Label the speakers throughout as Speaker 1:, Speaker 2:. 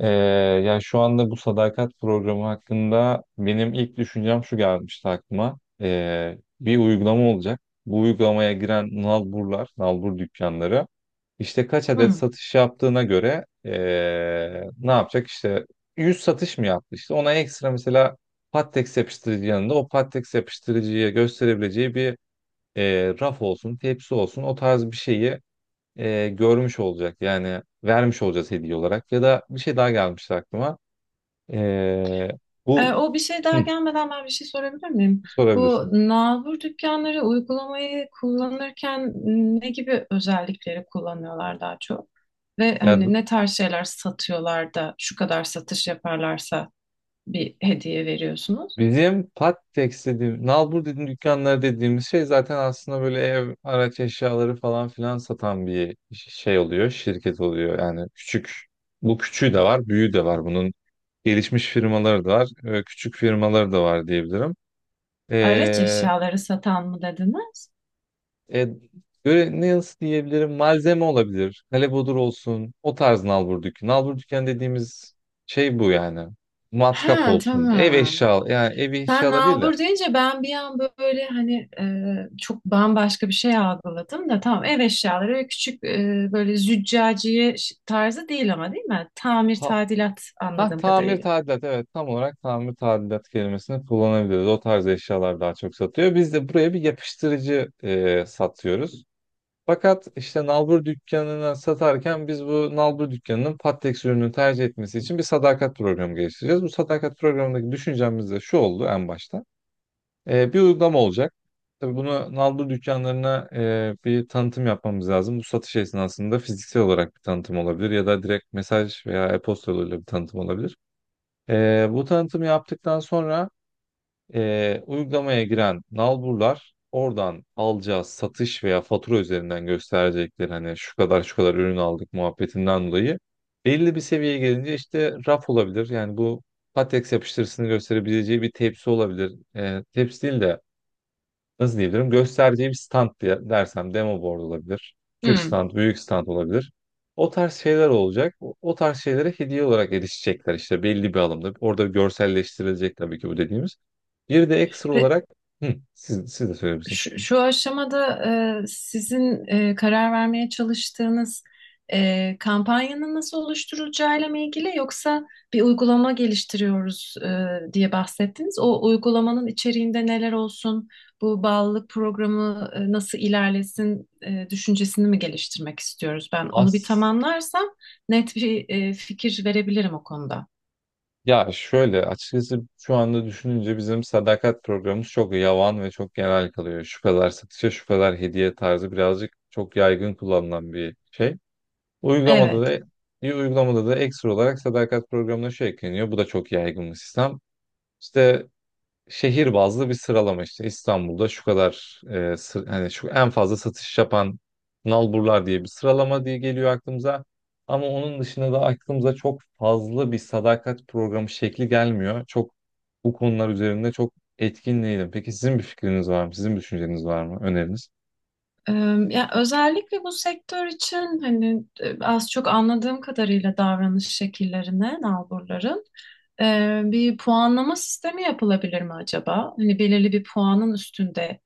Speaker 1: Ee, ya şu anda bu sadakat programı hakkında benim ilk düşüncem şu gelmişti aklıma. Bir uygulama olacak. Bu uygulamaya giren nalburlar, nalbur dükkanları işte kaç adet
Speaker 2: Hı.
Speaker 1: satış yaptığına göre ne yapacak? İşte 100 satış mı yaptı? İşte ona ekstra mesela Pattex yapıştırıcı yanında o Pattex yapıştırıcıya gösterebileceği bir raf olsun, tepsi olsun o tarz bir şeyi görmüş olacak, yani vermiş olacağız hediye olarak. Ya da bir şey daha gelmişti aklıma. E, bu
Speaker 2: O bir şey daha
Speaker 1: hı,
Speaker 2: gelmeden ben bir şey sorabilir miyim? Bu
Speaker 1: sorabilirsin.
Speaker 2: nalbur dükkanları uygulamayı kullanırken ne gibi özellikleri kullanıyorlar daha çok? Ve
Speaker 1: Ya
Speaker 2: hani
Speaker 1: bu-
Speaker 2: ne tarz şeyler satıyorlar da şu kadar satış yaparlarsa bir hediye veriyorsunuz?
Speaker 1: Bizim pat dediğim, nalbur dediğim dükkanlar dediğimiz şey zaten aslında böyle ev, araç eşyaları falan filan satan bir şey oluyor, şirket oluyor. Yani küçük, bu küçüğü de var, büyüğü de var. Bunun gelişmiş firmaları da var, küçük firmaları da var diyebilirim.
Speaker 2: Araç eşyaları satan mı dediniz?
Speaker 1: E, Böyle ne, nasıl diyebilirim? Malzeme olabilir. Kalebodur olsun. O tarz nalbur dükü dediğimiz şey bu yani.
Speaker 2: Ha,
Speaker 1: Matkap olsun. Ev
Speaker 2: tamam.
Speaker 1: eşya. Yani ev
Speaker 2: Sen
Speaker 1: eşyaları değil de.
Speaker 2: nabur deyince ben bir an böyle hani çok bambaşka bir şey algıladım da tamam, ev eşyaları ve küçük böyle züccaciye tarzı değil ama, değil mi? Tamir
Speaker 1: Ha,
Speaker 2: tadilat
Speaker 1: ha,
Speaker 2: anladığım
Speaker 1: tamir
Speaker 2: kadarıyla.
Speaker 1: tadilat. Evet, tam olarak tamir tadilat kelimesini kullanabiliriz. O tarz eşyalar daha çok satıyor. Biz de buraya bir yapıştırıcı satıyoruz. Fakat işte nalbur dükkanına satarken biz bu nalbur dükkanının Pattex ürünü tercih etmesi için bir sadakat programı geliştireceğiz. Bu sadakat programındaki düşüncemiz de şu oldu en başta. Bir uygulama olacak. Tabii bunu nalbur dükkanlarına bir tanıtım yapmamız lazım. Bu satış esnasında fiziksel olarak bir tanıtım olabilir ya da direkt mesaj veya e-posta yoluyla bir tanıtım olabilir. Bu tanıtımı yaptıktan sonra uygulamaya giren nalburlar oradan alacağı satış veya fatura üzerinden gösterecekleri hani şu kadar şu kadar ürün aldık muhabbetinden dolayı belli bir seviyeye gelince işte raf olabilir. Yani bu latex yapıştırısını gösterebileceği bir tepsi olabilir. Tepsi değil de nasıl diyebilirim, göstereceği bir stand, diye dersem demo board olabilir. Küçük
Speaker 2: Hmm.
Speaker 1: stand, büyük stand olabilir. O tarz şeyler olacak. O tarz şeylere hediye olarak erişecekler işte belli bir alımda. Orada görselleştirilecek tabii ki bu dediğimiz. Bir de ekstra
Speaker 2: Pe-
Speaker 1: olarak hı, siz de söyleyebilirsiniz.
Speaker 2: şu aşamada sizin karar vermeye çalıştığınız kampanyanın nasıl oluşturulacağıyla mı ilgili, yoksa bir uygulama geliştiriyoruz diye bahsettiniz. O uygulamanın içeriğinde neler olsun, bu bağlılık programı nasıl ilerlesin düşüncesini mi geliştirmek istiyoruz? Ben onu bir
Speaker 1: As
Speaker 2: tamamlarsam net bir fikir verebilirim o konuda.
Speaker 1: Ya şöyle, açıkçası şu anda düşününce bizim sadakat programımız çok yavan ve çok genel kalıyor. Şu kadar satışa, şu kadar hediye tarzı birazcık çok yaygın kullanılan bir şey. Uygulamada
Speaker 2: Evet.
Speaker 1: da Bir uygulamada da ekstra olarak sadakat programına şu ekleniyor. Bu da çok yaygın bir sistem. İşte şehir bazlı bir sıralama, işte İstanbul'da şu kadar hani şu en fazla satış yapan nalburlar diye bir sıralama diye geliyor aklımıza. Ama onun dışında da aklımıza çok fazla bir sadakat programı şekli gelmiyor. Çok bu konular üzerinde çok etkin değilim. Peki sizin bir fikriniz var mı? Sizin bir düşünceniz var mı? Öneriniz?
Speaker 2: Ee, Ya özellikle bu sektör için hani az çok anladığım kadarıyla davranış şekillerine, nalburların bir puanlama sistemi yapılabilir mi acaba? Hani belirli bir puanın üstünde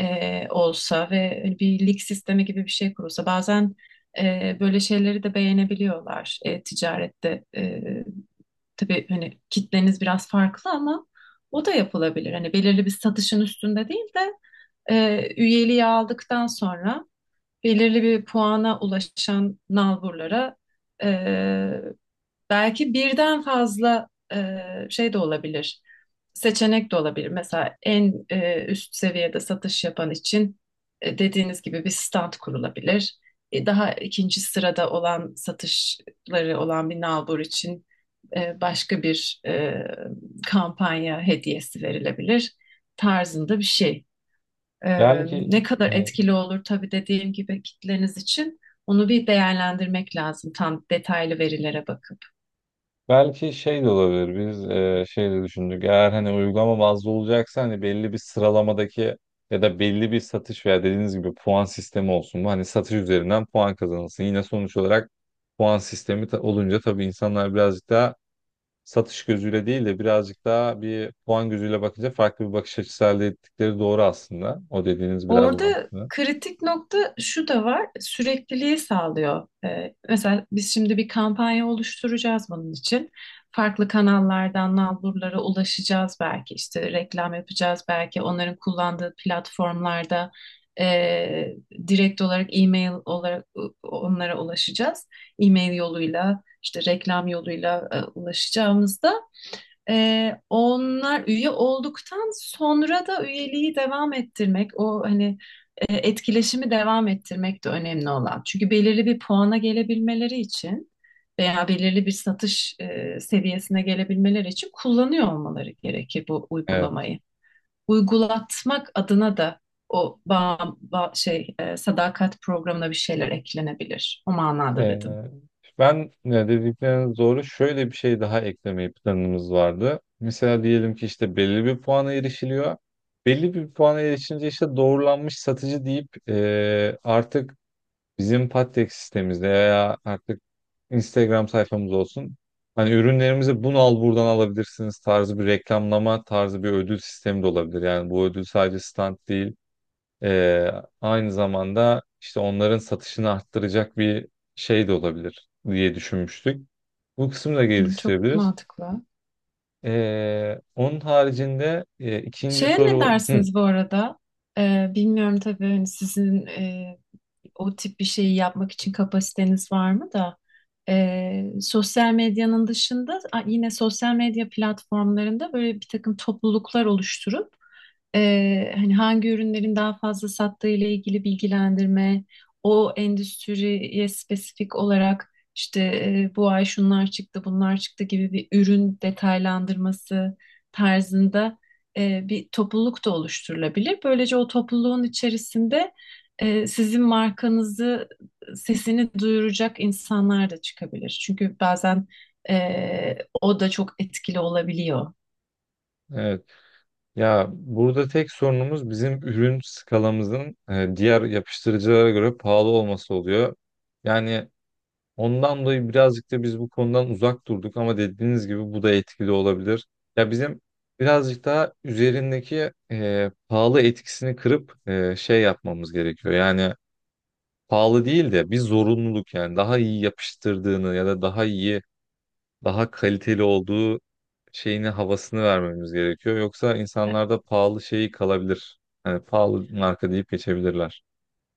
Speaker 2: olsa ve hani bir lig sistemi gibi bir şey kurulsa. Bazen böyle şeyleri de beğenebiliyorlar ticarette. Tabii hani kitleniz biraz farklı ama o da yapılabilir. Hani belirli bir satışın üstünde değil de üyeliği aldıktan sonra belirli bir puana ulaşan nalburlara e, belki birden fazla e, şey de olabilir, seçenek de olabilir. Mesela en üst seviyede satış yapan için dediğiniz gibi bir stand kurulabilir. Daha ikinci sırada olan, satışları olan bir nalbur için başka bir kampanya hediyesi verilebilir tarzında bir şey.
Speaker 1: Yani ki
Speaker 2: Ne kadar etkili olur tabii, dediğim gibi kitleniz için onu bir değerlendirmek lazım tam detaylı verilere bakıp.
Speaker 1: Belki şey de olabilir. Biz şey de düşündük. Eğer hani uygulama bazlı olacaksa hani belli bir sıralamadaki ya da belli bir satış veya dediğiniz gibi puan sistemi olsun. Bu, hani satış üzerinden puan kazanılsın. Yine sonuç olarak olunca tabii insanlar birazcık daha satış gözüyle değil de birazcık daha bir puan gözüyle bakınca farklı bir bakış açısı elde ettikleri doğru aslında. O dediğiniz biraz
Speaker 2: Orada
Speaker 1: mantıklı.
Speaker 2: kritik nokta şu da var, sürekliliği sağlıyor. Mesela biz şimdi bir kampanya oluşturacağız bunun için. Farklı kanallardan nalburlara ulaşacağız, belki işte reklam yapacağız, belki onların kullandığı platformlarda e, direkt olarak e-mail olarak onlara ulaşacağız. E-mail yoluyla, işte reklam yoluyla ulaşacağımızda onlar üye olduktan sonra da üyeliği devam ettirmek, o hani etkileşimi devam ettirmek de önemli olan. Çünkü belirli bir puana gelebilmeleri için veya belirli bir satış seviyesine gelebilmeleri için kullanıyor olmaları gerekir bu
Speaker 1: Evet.
Speaker 2: uygulamayı. Uygulatmak adına da o şey sadakat programına bir şeyler eklenebilir. O manada
Speaker 1: Ee,
Speaker 2: dedim.
Speaker 1: ben dedikleriniz doğru. Şöyle bir şey daha eklemeyi planımız vardı. Mesela diyelim ki işte belli bir puana erişiliyor. Belli bir puana erişince işte doğrulanmış satıcı deyip artık bizim Patek sistemimizde veya artık Instagram sayfamız olsun. Hani ürünlerimizi, bunu al buradan alabilirsiniz tarzı bir reklamlama tarzı bir ödül sistemi de olabilir. Yani bu ödül sadece stand değil. Ee, Aynı zamanda işte onların satışını arttıracak bir şey de olabilir diye düşünmüştük. Bu kısmı da
Speaker 2: Hı, çok
Speaker 1: geliştirebiliriz.
Speaker 2: mantıklı.
Speaker 1: Onun haricinde ikinci
Speaker 2: Şeye ne
Speaker 1: soru, hı,
Speaker 2: dersiniz bu arada? Bilmiyorum tabii, hani sizin o tip bir şeyi yapmak için kapasiteniz var mı da sosyal medyanın dışında, yine sosyal medya platformlarında böyle bir takım topluluklar oluşturup hani hangi ürünlerin daha fazla sattığı ile ilgili bilgilendirme, o endüstriye spesifik olarak işte bu ay şunlar çıktı, bunlar çıktı gibi bir ürün detaylandırması tarzında bir topluluk da oluşturulabilir. Böylece o topluluğun içerisinde sizin markanızı, sesini duyuracak insanlar da çıkabilir. Çünkü bazen o da çok etkili olabiliyor.
Speaker 1: evet. Ya burada tek sorunumuz bizim ürün skalamızın diğer yapıştırıcılara göre pahalı olması oluyor. Yani ondan dolayı birazcık da biz bu konudan uzak durduk, ama dediğiniz gibi bu da etkili olabilir. Ya bizim birazcık daha üzerindeki pahalı etkisini kırıp şey yapmamız gerekiyor. Yani pahalı değil de bir zorunluluk, yani daha iyi yapıştırdığını ya da daha iyi, daha kaliteli olduğu şeyini, havasını vermemiz gerekiyor. Yoksa
Speaker 2: E,
Speaker 1: insanlarda pahalı şeyi kalabilir. Yani pahalı marka deyip geçebilirler.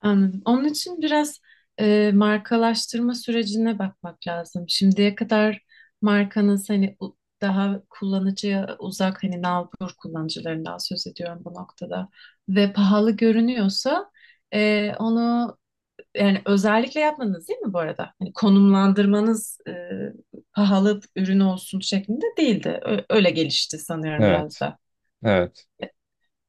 Speaker 2: Anladım. Onun için biraz markalaştırma sürecine bakmak lazım. Şimdiye kadar markanız, hani daha kullanıcıya uzak, hani nalbur kullanıcılarından söz ediyorum bu noktada, ve pahalı görünüyorsa onu yani, özellikle yapmanız değil mi bu arada? Hani konumlandırmanız pahalı ürün olsun şeklinde değildi. Öyle gelişti sanıyorum biraz
Speaker 1: Evet.
Speaker 2: da.
Speaker 1: Evet.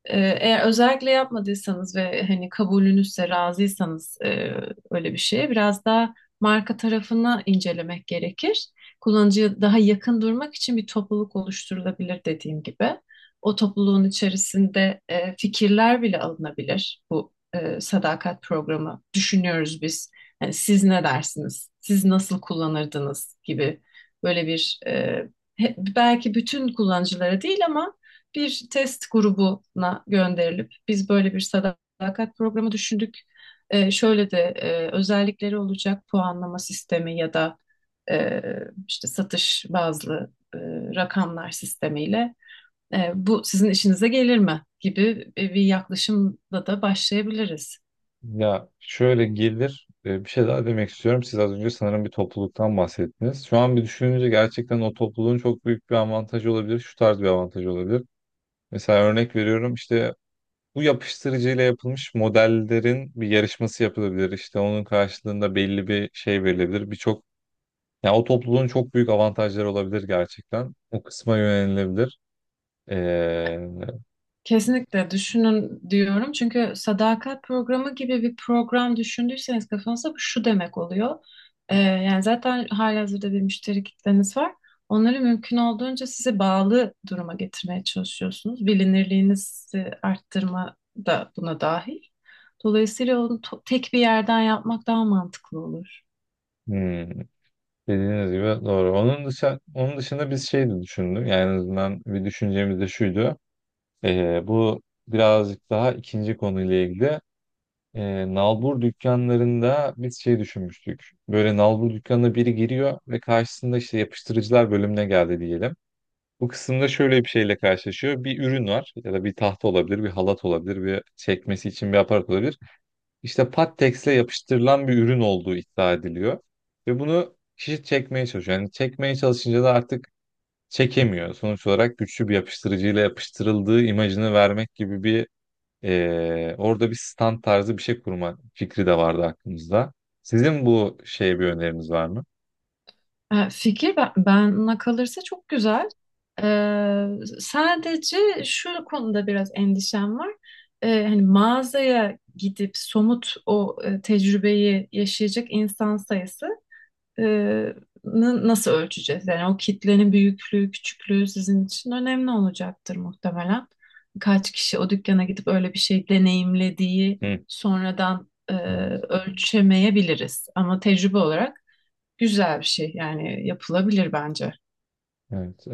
Speaker 2: Eğer özellikle yapmadıysanız ve hani kabulünüzse, razıysanız öyle bir şeye biraz daha marka tarafını incelemek gerekir. Kullanıcıya daha yakın durmak için bir topluluk oluşturulabilir, dediğim gibi. O topluluğun içerisinde fikirler bile alınabilir. Bu sadakat programı düşünüyoruz biz. Yani siz ne dersiniz? Siz nasıl kullanırdınız gibi böyle bir belki bütün kullanıcılara değil ama bir test grubuna gönderilip, biz böyle bir sadakat programı düşündük. Şöyle de özellikleri olacak, puanlama sistemi ya da e, işte satış bazlı rakamlar sistemiyle bu sizin işinize gelir mi gibi bir yaklaşımla da başlayabiliriz.
Speaker 1: Ya şöyle gelir, bir şey daha demek istiyorum. Siz az önce sanırım bir topluluktan bahsettiniz. Şu an bir düşününce gerçekten o topluluğun çok büyük bir avantajı olabilir. Şu tarz bir avantajı olabilir. Mesela örnek veriyorum, işte bu yapıştırıcıyla yapılmış modellerin bir yarışması yapılabilir. İşte onun karşılığında belli bir şey verilebilir. Birçok, yani o topluluğun çok büyük avantajları olabilir gerçekten. O kısma yönelilebilir.
Speaker 2: Kesinlikle düşünün diyorum. Çünkü sadakat programı gibi bir program düşündüyseniz kafanızda, bu şu demek oluyor. Yani zaten halihazırda bir müşteri kitleniz var. Onları mümkün olduğunca size bağlı duruma getirmeye çalışıyorsunuz. Bilinirliğinizi arttırma da buna dahil. Dolayısıyla onu tek bir yerden yapmak daha mantıklı olur.
Speaker 1: Hmm, dediğiniz gibi doğru. Onun dışında, onun dışında biz şey de düşündük. Yani en azından bir düşüncemiz de şuydu. Bu Birazcık daha ikinci konuyla ilgili. Nalbur dükkanlarında biz şey düşünmüştük. Böyle nalbur dükkanına biri giriyor ve karşısında işte yapıştırıcılar bölümüne geldi diyelim. Bu kısımda şöyle bir şeyle karşılaşıyor. Bir ürün var, ya da bir tahta olabilir, bir halat olabilir, bir çekmesi için bir aparat olabilir. İşte pattex'le yapıştırılan bir ürün olduğu iddia ediliyor. Ve bunu kişi çekmeye çalışıyor. Yani çekmeye çalışınca da artık çekemiyor. Sonuç olarak güçlü bir yapıştırıcıyla yapıştırıldığı imajını vermek gibi bir orada bir stand tarzı bir şey kurma fikri de vardı aklımızda. Sizin bu şeye bir öneriniz var mı?
Speaker 2: Fikir, bana kalırsa çok güzel. E, Sadece şu konuda biraz endişem var. Hani mağazaya gidip somut o tecrübeyi yaşayacak insan sayısı e, nasıl ölçeceğiz? Yani o kitlenin büyüklüğü, küçüklüğü sizin için önemli olacaktır muhtemelen. Kaç kişi o dükkana gidip öyle bir şey deneyimlediği
Speaker 1: Hı.
Speaker 2: sonradan
Speaker 1: Evet.
Speaker 2: ölçemeyebiliriz. Ama tecrübe olarak güzel bir şey, yani yapılabilir bence.
Speaker 1: Evet.